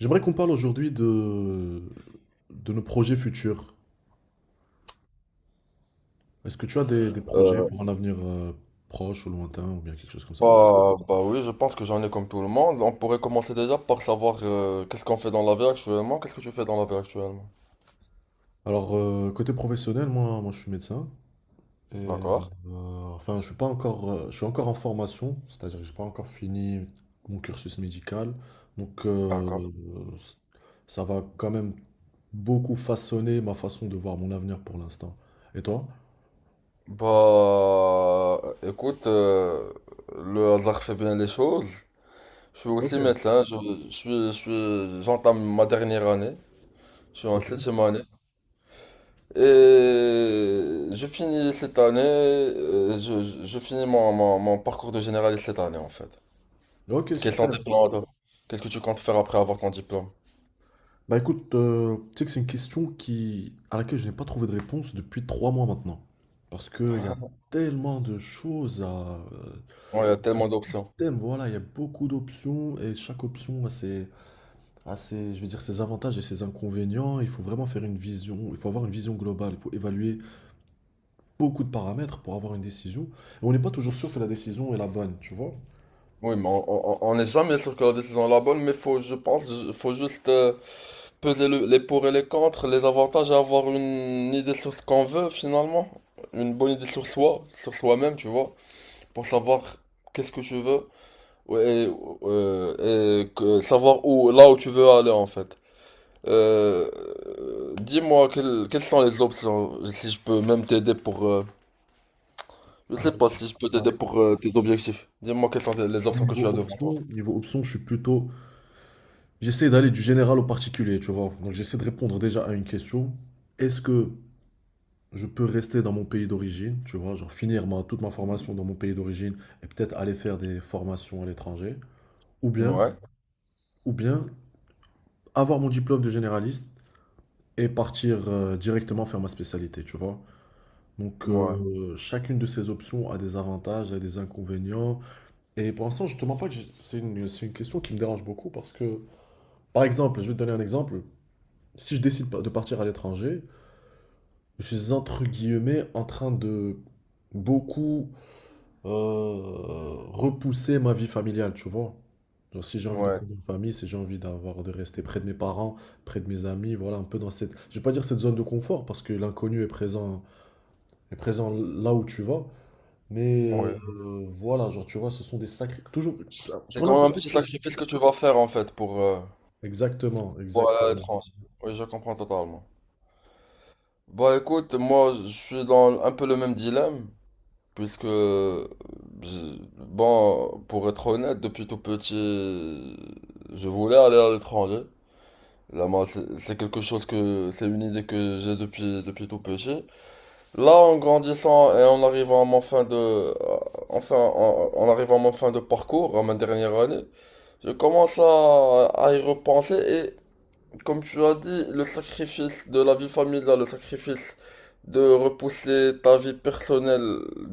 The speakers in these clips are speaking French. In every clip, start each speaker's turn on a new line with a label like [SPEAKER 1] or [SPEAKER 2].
[SPEAKER 1] J'aimerais qu'on parle aujourd'hui de nos projets futurs. Est-ce que tu as des projets
[SPEAKER 2] Euh,
[SPEAKER 1] pour un avenir proche ou lointain ou bien quelque chose comme ça?
[SPEAKER 2] Oui, je pense que j'en ai comme tout le monde. On pourrait commencer déjà par savoir qu'est-ce qu'on fait dans la vie actuellement. Qu'est-ce que tu fais dans la vie actuellement?
[SPEAKER 1] Alors, côté professionnel, moi je suis médecin. Et,
[SPEAKER 2] D'accord,
[SPEAKER 1] euh, enfin, je suis pas encore, je suis encore en formation, c'est-à-dire que j'ai pas encore fini mon cursus médical. Donc,
[SPEAKER 2] d'accord.
[SPEAKER 1] ça va quand même beaucoup façonner ma façon de voir mon avenir pour l'instant. Et toi?
[SPEAKER 2] Bah, écoute, le hasard fait bien les choses. Je suis
[SPEAKER 1] Ok,
[SPEAKER 2] aussi médecin, j'entame ma dernière année. Je suis en
[SPEAKER 1] ok.
[SPEAKER 2] septième année. Et je finis cette année, euh, je finis mon parcours de généraliste cette année en fait.
[SPEAKER 1] Ok,
[SPEAKER 2] Quels sont tes
[SPEAKER 1] super.
[SPEAKER 2] plans, toi? Qu'est-ce que tu comptes faire après avoir ton diplôme?
[SPEAKER 1] Bah écoute, tu sais que c'est une question qui, à laquelle je n'ai pas trouvé de réponse depuis 3 mois maintenant. Parce qu'il y a tellement de choses à...
[SPEAKER 2] Ouais, il y a
[SPEAKER 1] ce
[SPEAKER 2] tellement d'options.
[SPEAKER 1] système, voilà, il y a beaucoup d'options et chaque option a ses, je vais dire, ses avantages et ses inconvénients. Il faut vraiment faire une vision, il faut avoir une vision globale, il faut évaluer beaucoup de paramètres pour avoir une décision. Et on n'est pas toujours sûr que la décision est la bonne, tu vois?
[SPEAKER 2] Oui, mais on n'est jamais sûr que la décision est la bonne, mais faut, je pense, faut juste peser les pour et les contre, les avantages et avoir une idée sur ce qu'on veut finalement. Une bonne idée sur soi, sur soi-même, tu vois, pour savoir qu'est-ce que je veux ouais, et savoir où, là où tu veux aller en fait. Euh, dis-moi quelles sont les options, si je peux même t'aider pour... je
[SPEAKER 1] Alors,
[SPEAKER 2] sais pas si je peux
[SPEAKER 1] bah,
[SPEAKER 2] t'aider
[SPEAKER 1] écoute,
[SPEAKER 2] pour tes objectifs. Dis-moi quelles sont les
[SPEAKER 1] au
[SPEAKER 2] options que
[SPEAKER 1] niveau
[SPEAKER 2] tu as devant toi.
[SPEAKER 1] option, niveau option, je suis plutôt... J'essaie d'aller du général au particulier, tu vois. Donc j'essaie de répondre déjà à une question. Est-ce que je peux rester dans mon pays d'origine, tu vois, genre finir toute ma formation dans mon pays d'origine et peut-être aller faire des formations à l'étranger, ou bien,
[SPEAKER 2] Ouais,
[SPEAKER 1] ou bien avoir mon diplôme de généraliste et partir directement faire ma spécialité, tu vois. Donc
[SPEAKER 2] ouais,
[SPEAKER 1] chacune de ces options a des avantages, a des inconvénients. Et pour l'instant, je te mens pas que c'est c'est une question qui me dérange beaucoup parce que, par exemple, je vais te donner un exemple. Si je décide pas- de partir à l'étranger, je suis entre guillemets en train de beaucoup euh, repousser ma vie familiale, tu vois. Genre, si j'ai envie de
[SPEAKER 2] ouais,
[SPEAKER 1] fonder une famille, si j'ai envie d'avoir de rester près de mes parents, près de mes amis, voilà, un peu dans cette, je vais pas dire cette zone de confort parce que l'inconnu est présent là où tu vas, mais
[SPEAKER 2] ouais.
[SPEAKER 1] voilà, genre tu vois, ce sont des sacrés, toujours
[SPEAKER 2] C'est
[SPEAKER 1] pour
[SPEAKER 2] quand même un
[SPEAKER 1] n'importe
[SPEAKER 2] petit
[SPEAKER 1] qui.
[SPEAKER 2] sacrifice que tu vas faire en fait
[SPEAKER 1] Exactement,
[SPEAKER 2] pour aller à
[SPEAKER 1] exactement.
[SPEAKER 2] l'étranger. Oui, je comprends totalement. Bah écoute, moi je suis dans un peu le même dilemme, puisque, je- bon, pour être honnête, depuis tout petit, je voulais aller à l'étranger. Là, moi, c'est quelque chose que, c'est une idée que j'ai depuis tout petit. Là, en grandissant et en arrivant à mon fin de, enfin, en arrivant à mon fin de parcours, à ma dernière année, je commence à y repenser et comme tu as dit, le sacrifice de la vie familiale, le sacrifice de repousser ta vie personnelle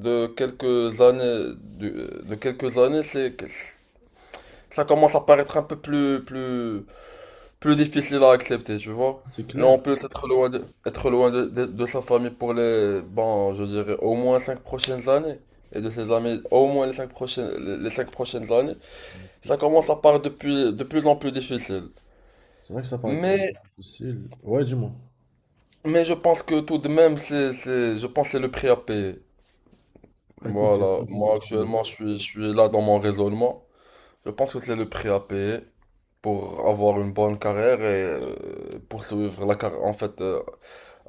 [SPEAKER 2] de quelques années, de quelques années, c'est, ça commence à paraître un peu plus difficile à accepter, tu vois.
[SPEAKER 1] C'est
[SPEAKER 2] Et en
[SPEAKER 1] clair.
[SPEAKER 2] plus, être loin de sa famille pour les, bon, je dirais au moins 5 prochaines années, et de ses amis au moins les les 5 prochaines années, ça commence à paraître de plus en plus difficile.
[SPEAKER 1] C'est vrai que ça paraît de plus en
[SPEAKER 2] Mais,
[SPEAKER 1] plus difficile. Ouais, dis-moi.
[SPEAKER 2] mais je pense que tout de même, je pense que c'est le prix à payer.
[SPEAKER 1] Bah, écoute, il y a
[SPEAKER 2] Voilà, moi
[SPEAKER 1] toujours...
[SPEAKER 2] actuellement, je suis là dans mon raisonnement. Je pense que c'est le prix à payer pour avoir une bonne carrière et poursuivre la carrière, en fait, euh,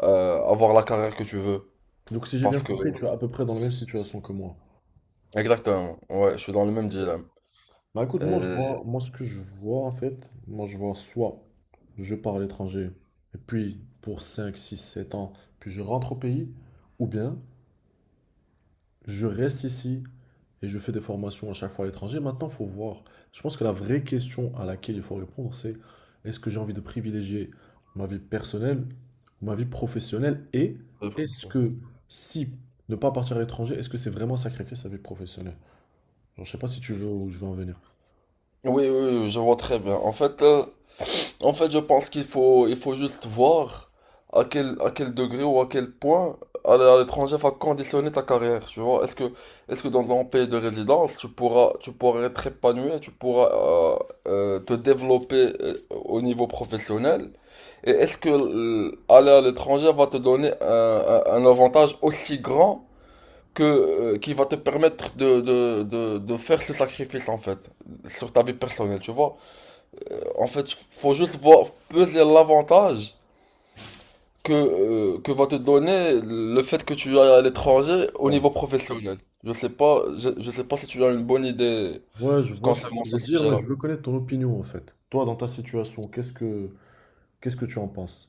[SPEAKER 2] euh, avoir la carrière que tu veux.
[SPEAKER 1] Donc si j'ai bien
[SPEAKER 2] Parce que,
[SPEAKER 1] compris, tu es à peu près dans la même situation que moi.
[SPEAKER 2] exactement, ouais, je suis dans le même dilemme.
[SPEAKER 1] Bah écoute,
[SPEAKER 2] Et-
[SPEAKER 1] moi ce que je vois en fait, moi je vois soit je pars à l'étranger, et puis pour 5, 6, 7 ans, puis je rentre au pays, ou bien je reste ici et je fais des formations à chaque fois à l'étranger. Maintenant, faut voir. Je pense que la vraie question à laquelle il faut répondre, c'est est-ce que j'ai envie de privilégier ma vie personnelle ou ma vie professionnelle, et
[SPEAKER 2] oui,
[SPEAKER 1] est-ce que si ne pas partir à l'étranger, est-ce que c'est vraiment sacrifier sa vie professionnelle? Bon, je sais pas si tu veux où je veux en venir.
[SPEAKER 2] oui, je vois très bien. En fait, en fait, je pense qu'il faut, il faut juste voir à quel degré ou à quel point aller à l'étranger va conditionner ta carrière, tu vois. Est-ce que dans ton pays de résidence, tu pourras être épanoui, tu pourras te développer au niveau professionnel? Et est-ce que aller à l'étranger va te donner un, un avantage aussi grand que, qui va te permettre de faire ce sacrifice, en fait, sur ta vie personnelle, tu vois? En fait, faut juste voir peser l'avantage que va te donner le fait que tu ailles à l'étranger au
[SPEAKER 1] Ouais.
[SPEAKER 2] niveau professionnel. Je sais pas, je sais pas si tu as une bonne idée
[SPEAKER 1] Ouais, je vois ce que
[SPEAKER 2] concernant
[SPEAKER 1] tu
[SPEAKER 2] ce
[SPEAKER 1] veux dire, mais
[SPEAKER 2] sujet-là.
[SPEAKER 1] je veux connaître ton opinion en fait. Toi, dans ta situation, qu'est-ce que tu en penses?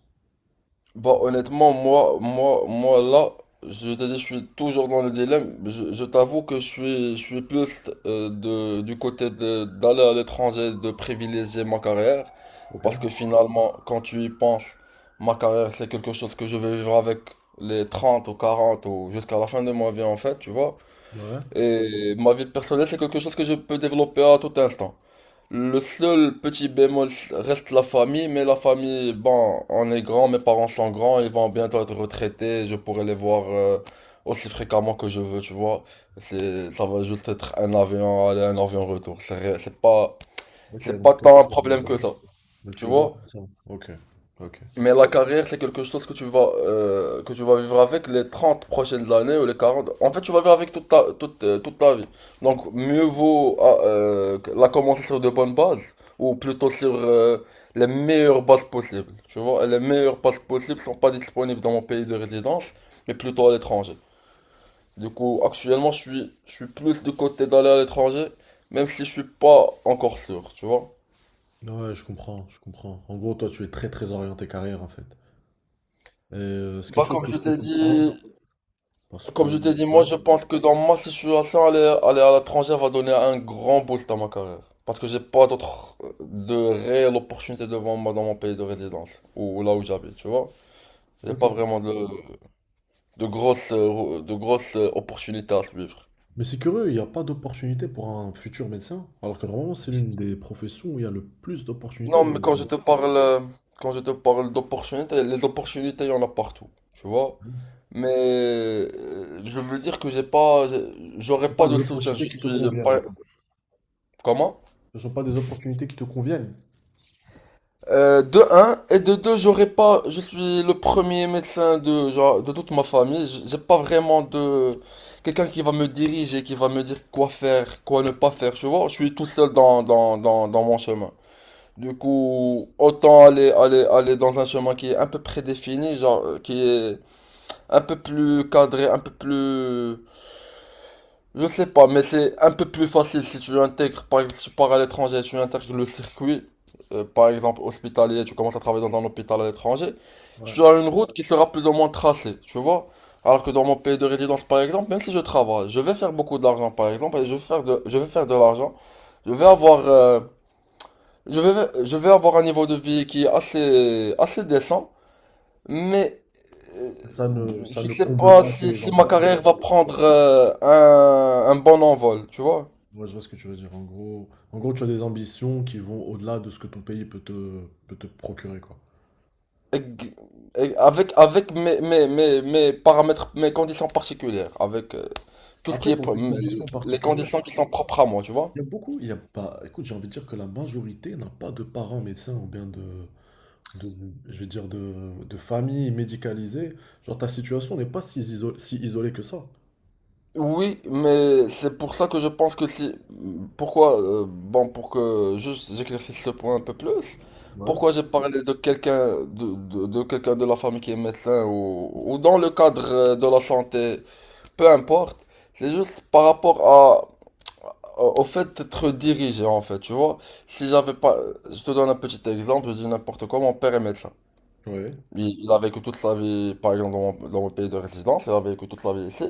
[SPEAKER 2] Bah honnêtement, moi là, je t'ai dit, je suis toujours dans le dilemme. Je t'avoue que je suis plus de, du côté de, d'aller à l'étranger, de privilégier ma carrière.
[SPEAKER 1] Ok.
[SPEAKER 2] Parce que finalement, quand tu y penses, ma carrière, c'est quelque chose que je vais vivre avec les 30 ou 40 ou jusqu'à la fin de ma vie en fait, tu vois.
[SPEAKER 1] Ouais.
[SPEAKER 2] Et ma vie personnelle, c'est quelque chose que je peux développer à tout instant. Le seul petit bémol reste la famille, mais la famille, bon, on est grand, mes parents sont grands, ils vont bientôt être retraités, je pourrai les voir aussi fréquemment que je veux, tu vois. Ça va juste être un avion aller, un avion retour.
[SPEAKER 1] Ok,
[SPEAKER 2] C'est pas tant un problème que ça,
[SPEAKER 1] donc
[SPEAKER 2] tu
[SPEAKER 1] tu le vois
[SPEAKER 2] vois.
[SPEAKER 1] comme ça. Ok. Ok.
[SPEAKER 2] Mais la carrière, c'est quelque chose que tu vas vivre avec les 30 prochaines années ou les 40. En fait, tu vas vivre avec toute, toute ta vie. Donc, mieux vaut la commencer sur de bonnes bases ou plutôt sur les meilleures bases possibles. Tu vois, et les meilleures bases possibles ne sont pas disponibles dans mon pays de résidence, mais plutôt à l'étranger. Du coup, actuellement, je suis plus du côté d'aller à l'étranger, même si je suis pas encore sûr, tu vois.
[SPEAKER 1] Ouais, je comprends, je comprends. En gros, toi, tu es très très orienté carrière en fait. Et c'est quelque
[SPEAKER 2] Bah,
[SPEAKER 1] chose
[SPEAKER 2] comme
[SPEAKER 1] que je
[SPEAKER 2] je
[SPEAKER 1] peux
[SPEAKER 2] t'ai
[SPEAKER 1] comprendre
[SPEAKER 2] dit,
[SPEAKER 1] parce que...
[SPEAKER 2] Comme je t'ai dit, moi
[SPEAKER 1] Ouais.
[SPEAKER 2] je pense que dans ma situation, aller à l'étranger va donner un grand boost à ma carrière. Parce que j'ai pas d'autres de réelles opportunités devant moi dans mon pays de résidence, ou là où j'habite, tu vois. J'ai pas
[SPEAKER 1] Ok.
[SPEAKER 2] vraiment de grosses, opportunités à suivre.
[SPEAKER 1] Mais c'est curieux, il n'y a pas d'opportunité pour un futur médecin, alors que normalement, c'est l'une des professions où il y a le plus d'opportunités,
[SPEAKER 2] Non,
[SPEAKER 1] j'ai
[SPEAKER 2] mais
[SPEAKER 1] envie de
[SPEAKER 2] quand
[SPEAKER 1] dire.
[SPEAKER 2] je te parle, quand je te parle d'opportunités, les opportunités, il y en a partout, tu vois. Mais je veux dire que j'ai pas, j'aurais
[SPEAKER 1] Pas
[SPEAKER 2] pas
[SPEAKER 1] des
[SPEAKER 2] de soutien.
[SPEAKER 1] opportunités
[SPEAKER 2] Je
[SPEAKER 1] qui te
[SPEAKER 2] suis pas,
[SPEAKER 1] conviennent...
[SPEAKER 2] comment?
[SPEAKER 1] Ce ne sont pas des opportunités qui te conviennent.
[SPEAKER 2] De un, et de deux, j'aurais pas, je suis le premier médecin de, genre, de toute ma famille. J'ai pas vraiment de, quelqu'un qui va me diriger, qui va me dire quoi faire, quoi ne pas faire, tu vois, je suis tout seul dans mon chemin. Du coup, autant aller dans un chemin qui est un peu prédéfini, genre, qui est un peu plus cadré, un peu plus, je sais pas, mais c'est un peu plus facile si tu intègres, par exemple, si tu pars à l'étranger, tu intègres le circuit, par exemple hospitalier, tu commences à travailler dans un hôpital à l'étranger,
[SPEAKER 1] Ouais.
[SPEAKER 2] tu as une route qui sera plus ou moins tracée, tu vois. Alors que dans mon pays de résidence, par exemple, même si je travaille, je vais faire beaucoup d'argent, par exemple, et je vais faire de l'argent, je vais avoir, euh, je vais avoir un niveau de vie qui est assez, assez décent, mais euh,
[SPEAKER 1] Ça
[SPEAKER 2] je
[SPEAKER 1] ne
[SPEAKER 2] sais
[SPEAKER 1] comble
[SPEAKER 2] pas
[SPEAKER 1] pas tes
[SPEAKER 2] si ma
[SPEAKER 1] ambitions.
[SPEAKER 2] carrière va prendre un bon envol, tu vois.
[SPEAKER 1] Moi, je vois ce que tu veux dire. En gros, tu as des ambitions qui vont au-delà de ce que ton pays peut te procurer, quoi.
[SPEAKER 2] Ex- Avec, avec mes paramètres, mes conditions particulières, avec tout ce qui
[SPEAKER 1] Après,
[SPEAKER 2] est,
[SPEAKER 1] pour tes conditions
[SPEAKER 2] les
[SPEAKER 1] particulières,
[SPEAKER 2] conditions qui sont propres à moi, tu vois?
[SPEAKER 1] il y a pas, écoute, j'ai envie de dire que la majorité n'a pas de parents médecins ou bien de- je vais dire de famille médicalisée, genre ta situation n'est pas si isolée que ça.
[SPEAKER 2] Oui, mais c'est pour ça que je pense que si, pourquoi, bon, pour que juste j'éclaircisse ce point un peu plus,
[SPEAKER 1] Ouais.
[SPEAKER 2] pourquoi j'ai parlé de quelqu'un, de quelqu'un de la famille qui est médecin ou dans le cadre de la santé, peu importe, c'est juste par rapport à au au fait, être dirigé, en fait, tu vois. Si j'avais pas. Je te donne un petit exemple, je dis n'importe quoi, mon père est médecin.
[SPEAKER 1] Ouais.
[SPEAKER 2] Il a vécu toute sa vie, par exemple, dans mon pays de résidence, il a vécu toute sa vie ici.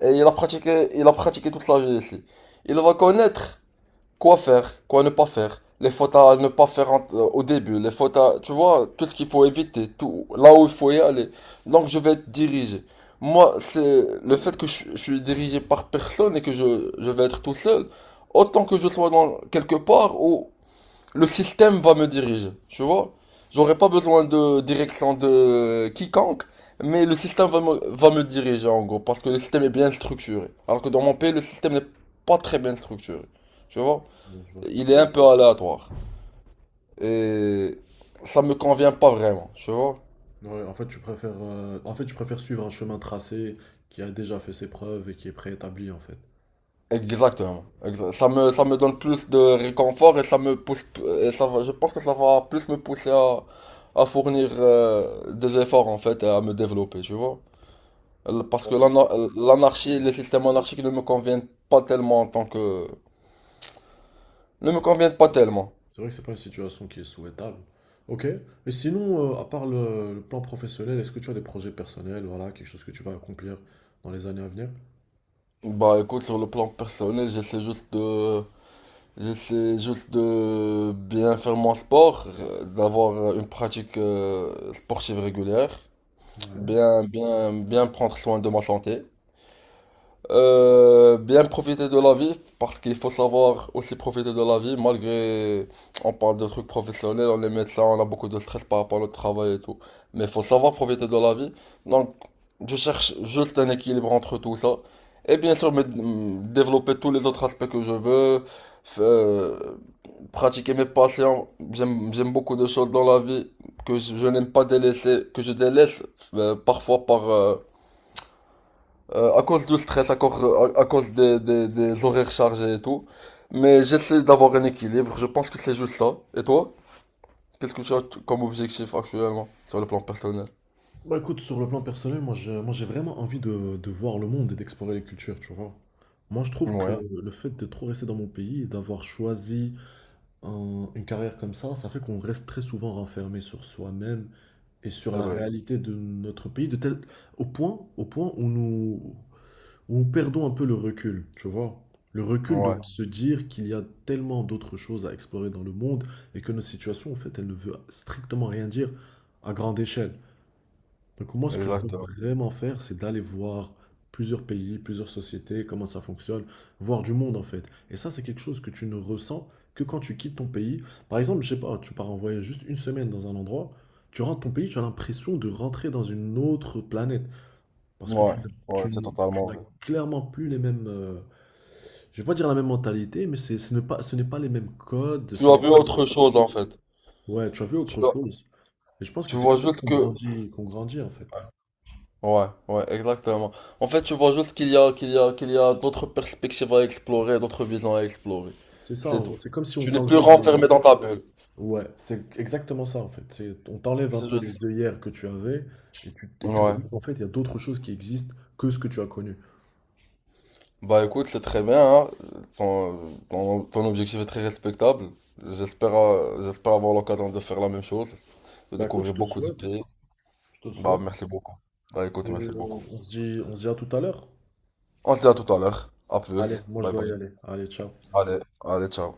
[SPEAKER 2] Et il a pratiqué toute sa vie ici. Il va connaître. Quoi faire, quoi ne pas faire, les fautes à ne pas faire au début, les fautes à, tu vois, tout ce qu'il faut éviter, tout, là où il faut y aller. Donc je vais être dirigé. Moi, c'est le fait que je suis dirigé par personne et que je vais être tout seul, autant que je sois dans quelque part où le système va me diriger, tu vois. J'aurai pas besoin de direction de quiconque, mais le système va me diriger en gros, parce que le système est bien structuré. Alors que dans mon pays, le système n'est pas très bien structuré, tu vois
[SPEAKER 1] je vois ce que
[SPEAKER 2] il
[SPEAKER 1] tu...
[SPEAKER 2] est un peu aléatoire. Et ça me convient pas vraiment, tu vois.
[SPEAKER 1] Ouais, en fait, tu préfères suivre un chemin tracé qui a déjà fait ses preuves et qui est préétabli, en fait.
[SPEAKER 2] Exactement. Ça ça me donne plus de réconfort et ça me pousse, je pense que ça va plus me pousser à fournir des efforts en fait et à me développer, tu vois. Parce que l'anarchie, les systèmes anarchiques ne me conviennent pas tellement en tant que... ne me conviennent pas tellement.
[SPEAKER 1] C'est vrai que c'est pas une situation qui est souhaitable. Ok. Et sinon, à part le plan professionnel, est-ce que tu as des projets personnels, voilà, quelque chose que tu vas accomplir dans les années à venir?
[SPEAKER 2] Bah écoute, sur le plan personnel, j'essaie juste de bien faire mon sport, d'avoir une pratique sportive régulière,
[SPEAKER 1] Ouais.
[SPEAKER 2] bien prendre soin de ma santé, bien profiter de la vie, parce qu'il faut savoir aussi profiter de la vie, malgré on parle de trucs professionnels, on est médecin, on a beaucoup de stress par rapport à notre travail et tout, mais il faut savoir profiter de la vie. Donc, je cherche juste un équilibre entre tout ça, et bien sûr, développer tous les autres aspects que je veux. F- euh, pratiquer mes passions. J'aime beaucoup de choses dans la vie que je n'aime pas délaisser, que je délaisse parfois par, à cause du stress, à cause des horaires chargés et tout. Mais j'essaie d'avoir un équilibre. Je pense que c'est juste ça. Et toi? Qu'est-ce que tu as comme objectif actuellement sur le plan personnel?
[SPEAKER 1] Bah écoute, sur le plan personnel, moi, j'ai vraiment envie de voir le monde et d'explorer les cultures, tu vois. Moi je trouve que
[SPEAKER 2] Ouais,
[SPEAKER 1] le fait de trop rester dans mon pays et d'avoir choisi une carrière comme ça fait qu'on reste très souvent renfermé sur soi-même et sur
[SPEAKER 2] c'est
[SPEAKER 1] la
[SPEAKER 2] vrai.
[SPEAKER 1] réalité de notre pays, de tel, au point où où nous perdons un peu le recul, tu vois. Le recul de
[SPEAKER 2] Ouais,
[SPEAKER 1] se dire qu'il y a tellement d'autres choses à explorer dans le monde et que nos situations, en fait, elles ne veulent strictement rien dire à grande échelle. Donc moi, ce que je veux
[SPEAKER 2] exactement.
[SPEAKER 1] vraiment faire, c'est d'aller voir plusieurs pays, plusieurs sociétés, comment ça fonctionne, voir du monde en fait. Et ça, c'est quelque chose que tu ne ressens que quand tu quittes ton pays. Par exemple, je sais pas, tu pars en voyage juste une semaine dans un endroit, tu rentres ton pays, tu as l'impression de rentrer dans une autre planète. Parce que
[SPEAKER 2] Ouais, ouais, c'est
[SPEAKER 1] tu
[SPEAKER 2] totalement
[SPEAKER 1] n'as
[SPEAKER 2] vrai.
[SPEAKER 1] clairement plus les mêmes... je vais pas dire la même mentalité, mais ce n'est pas les mêmes codes,
[SPEAKER 2] Tu
[SPEAKER 1] ce
[SPEAKER 2] as
[SPEAKER 1] n'est pas...
[SPEAKER 2] vu autre chose en fait.
[SPEAKER 1] Ouais, tu as vu
[SPEAKER 2] Tu
[SPEAKER 1] autre
[SPEAKER 2] as-
[SPEAKER 1] chose. Et je pense
[SPEAKER 2] tu
[SPEAKER 1] que c'est
[SPEAKER 2] vois
[SPEAKER 1] comme ça
[SPEAKER 2] juste que
[SPEAKER 1] qu'on grandit en fait.
[SPEAKER 2] ouais, ouais, exactement. En fait, tu vois juste qu'il y a d'autres perspectives à explorer, d'autres visions à explorer.
[SPEAKER 1] C'est ça,
[SPEAKER 2] C'est
[SPEAKER 1] en
[SPEAKER 2] tout.
[SPEAKER 1] gros. C'est comme si on
[SPEAKER 2] Tu n'es plus
[SPEAKER 1] t'enlevait des...
[SPEAKER 2] renfermé dans ta bulle.
[SPEAKER 1] Ouais, c'est exactement ça en fait. C'est, on t'enlève un
[SPEAKER 2] C'est
[SPEAKER 1] peu
[SPEAKER 2] juste ça.
[SPEAKER 1] les œillères que tu avais et et tu
[SPEAKER 2] Ouais.
[SPEAKER 1] vois qu'en fait il y a d'autres choses qui existent que ce que tu as connu.
[SPEAKER 2] Bah écoute, c'est très bien, hein. Ton, ton objectif est très respectable. J'espère avoir l'occasion de faire la même chose, de
[SPEAKER 1] Bah écoute, je
[SPEAKER 2] découvrir
[SPEAKER 1] te le
[SPEAKER 2] beaucoup de
[SPEAKER 1] souhaite,
[SPEAKER 2] pays.
[SPEAKER 1] je te le
[SPEAKER 2] Bah
[SPEAKER 1] souhaite.
[SPEAKER 2] merci beaucoup. Bah
[SPEAKER 1] Et,
[SPEAKER 2] écoute, merci beaucoup.
[SPEAKER 1] on se dit à tout à l'heure.
[SPEAKER 2] On se dit à tout à l'heure. À
[SPEAKER 1] Allez,
[SPEAKER 2] plus.
[SPEAKER 1] moi je
[SPEAKER 2] Bye
[SPEAKER 1] dois y
[SPEAKER 2] bye.
[SPEAKER 1] aller. Allez, ciao.
[SPEAKER 2] Allez, allez, ciao.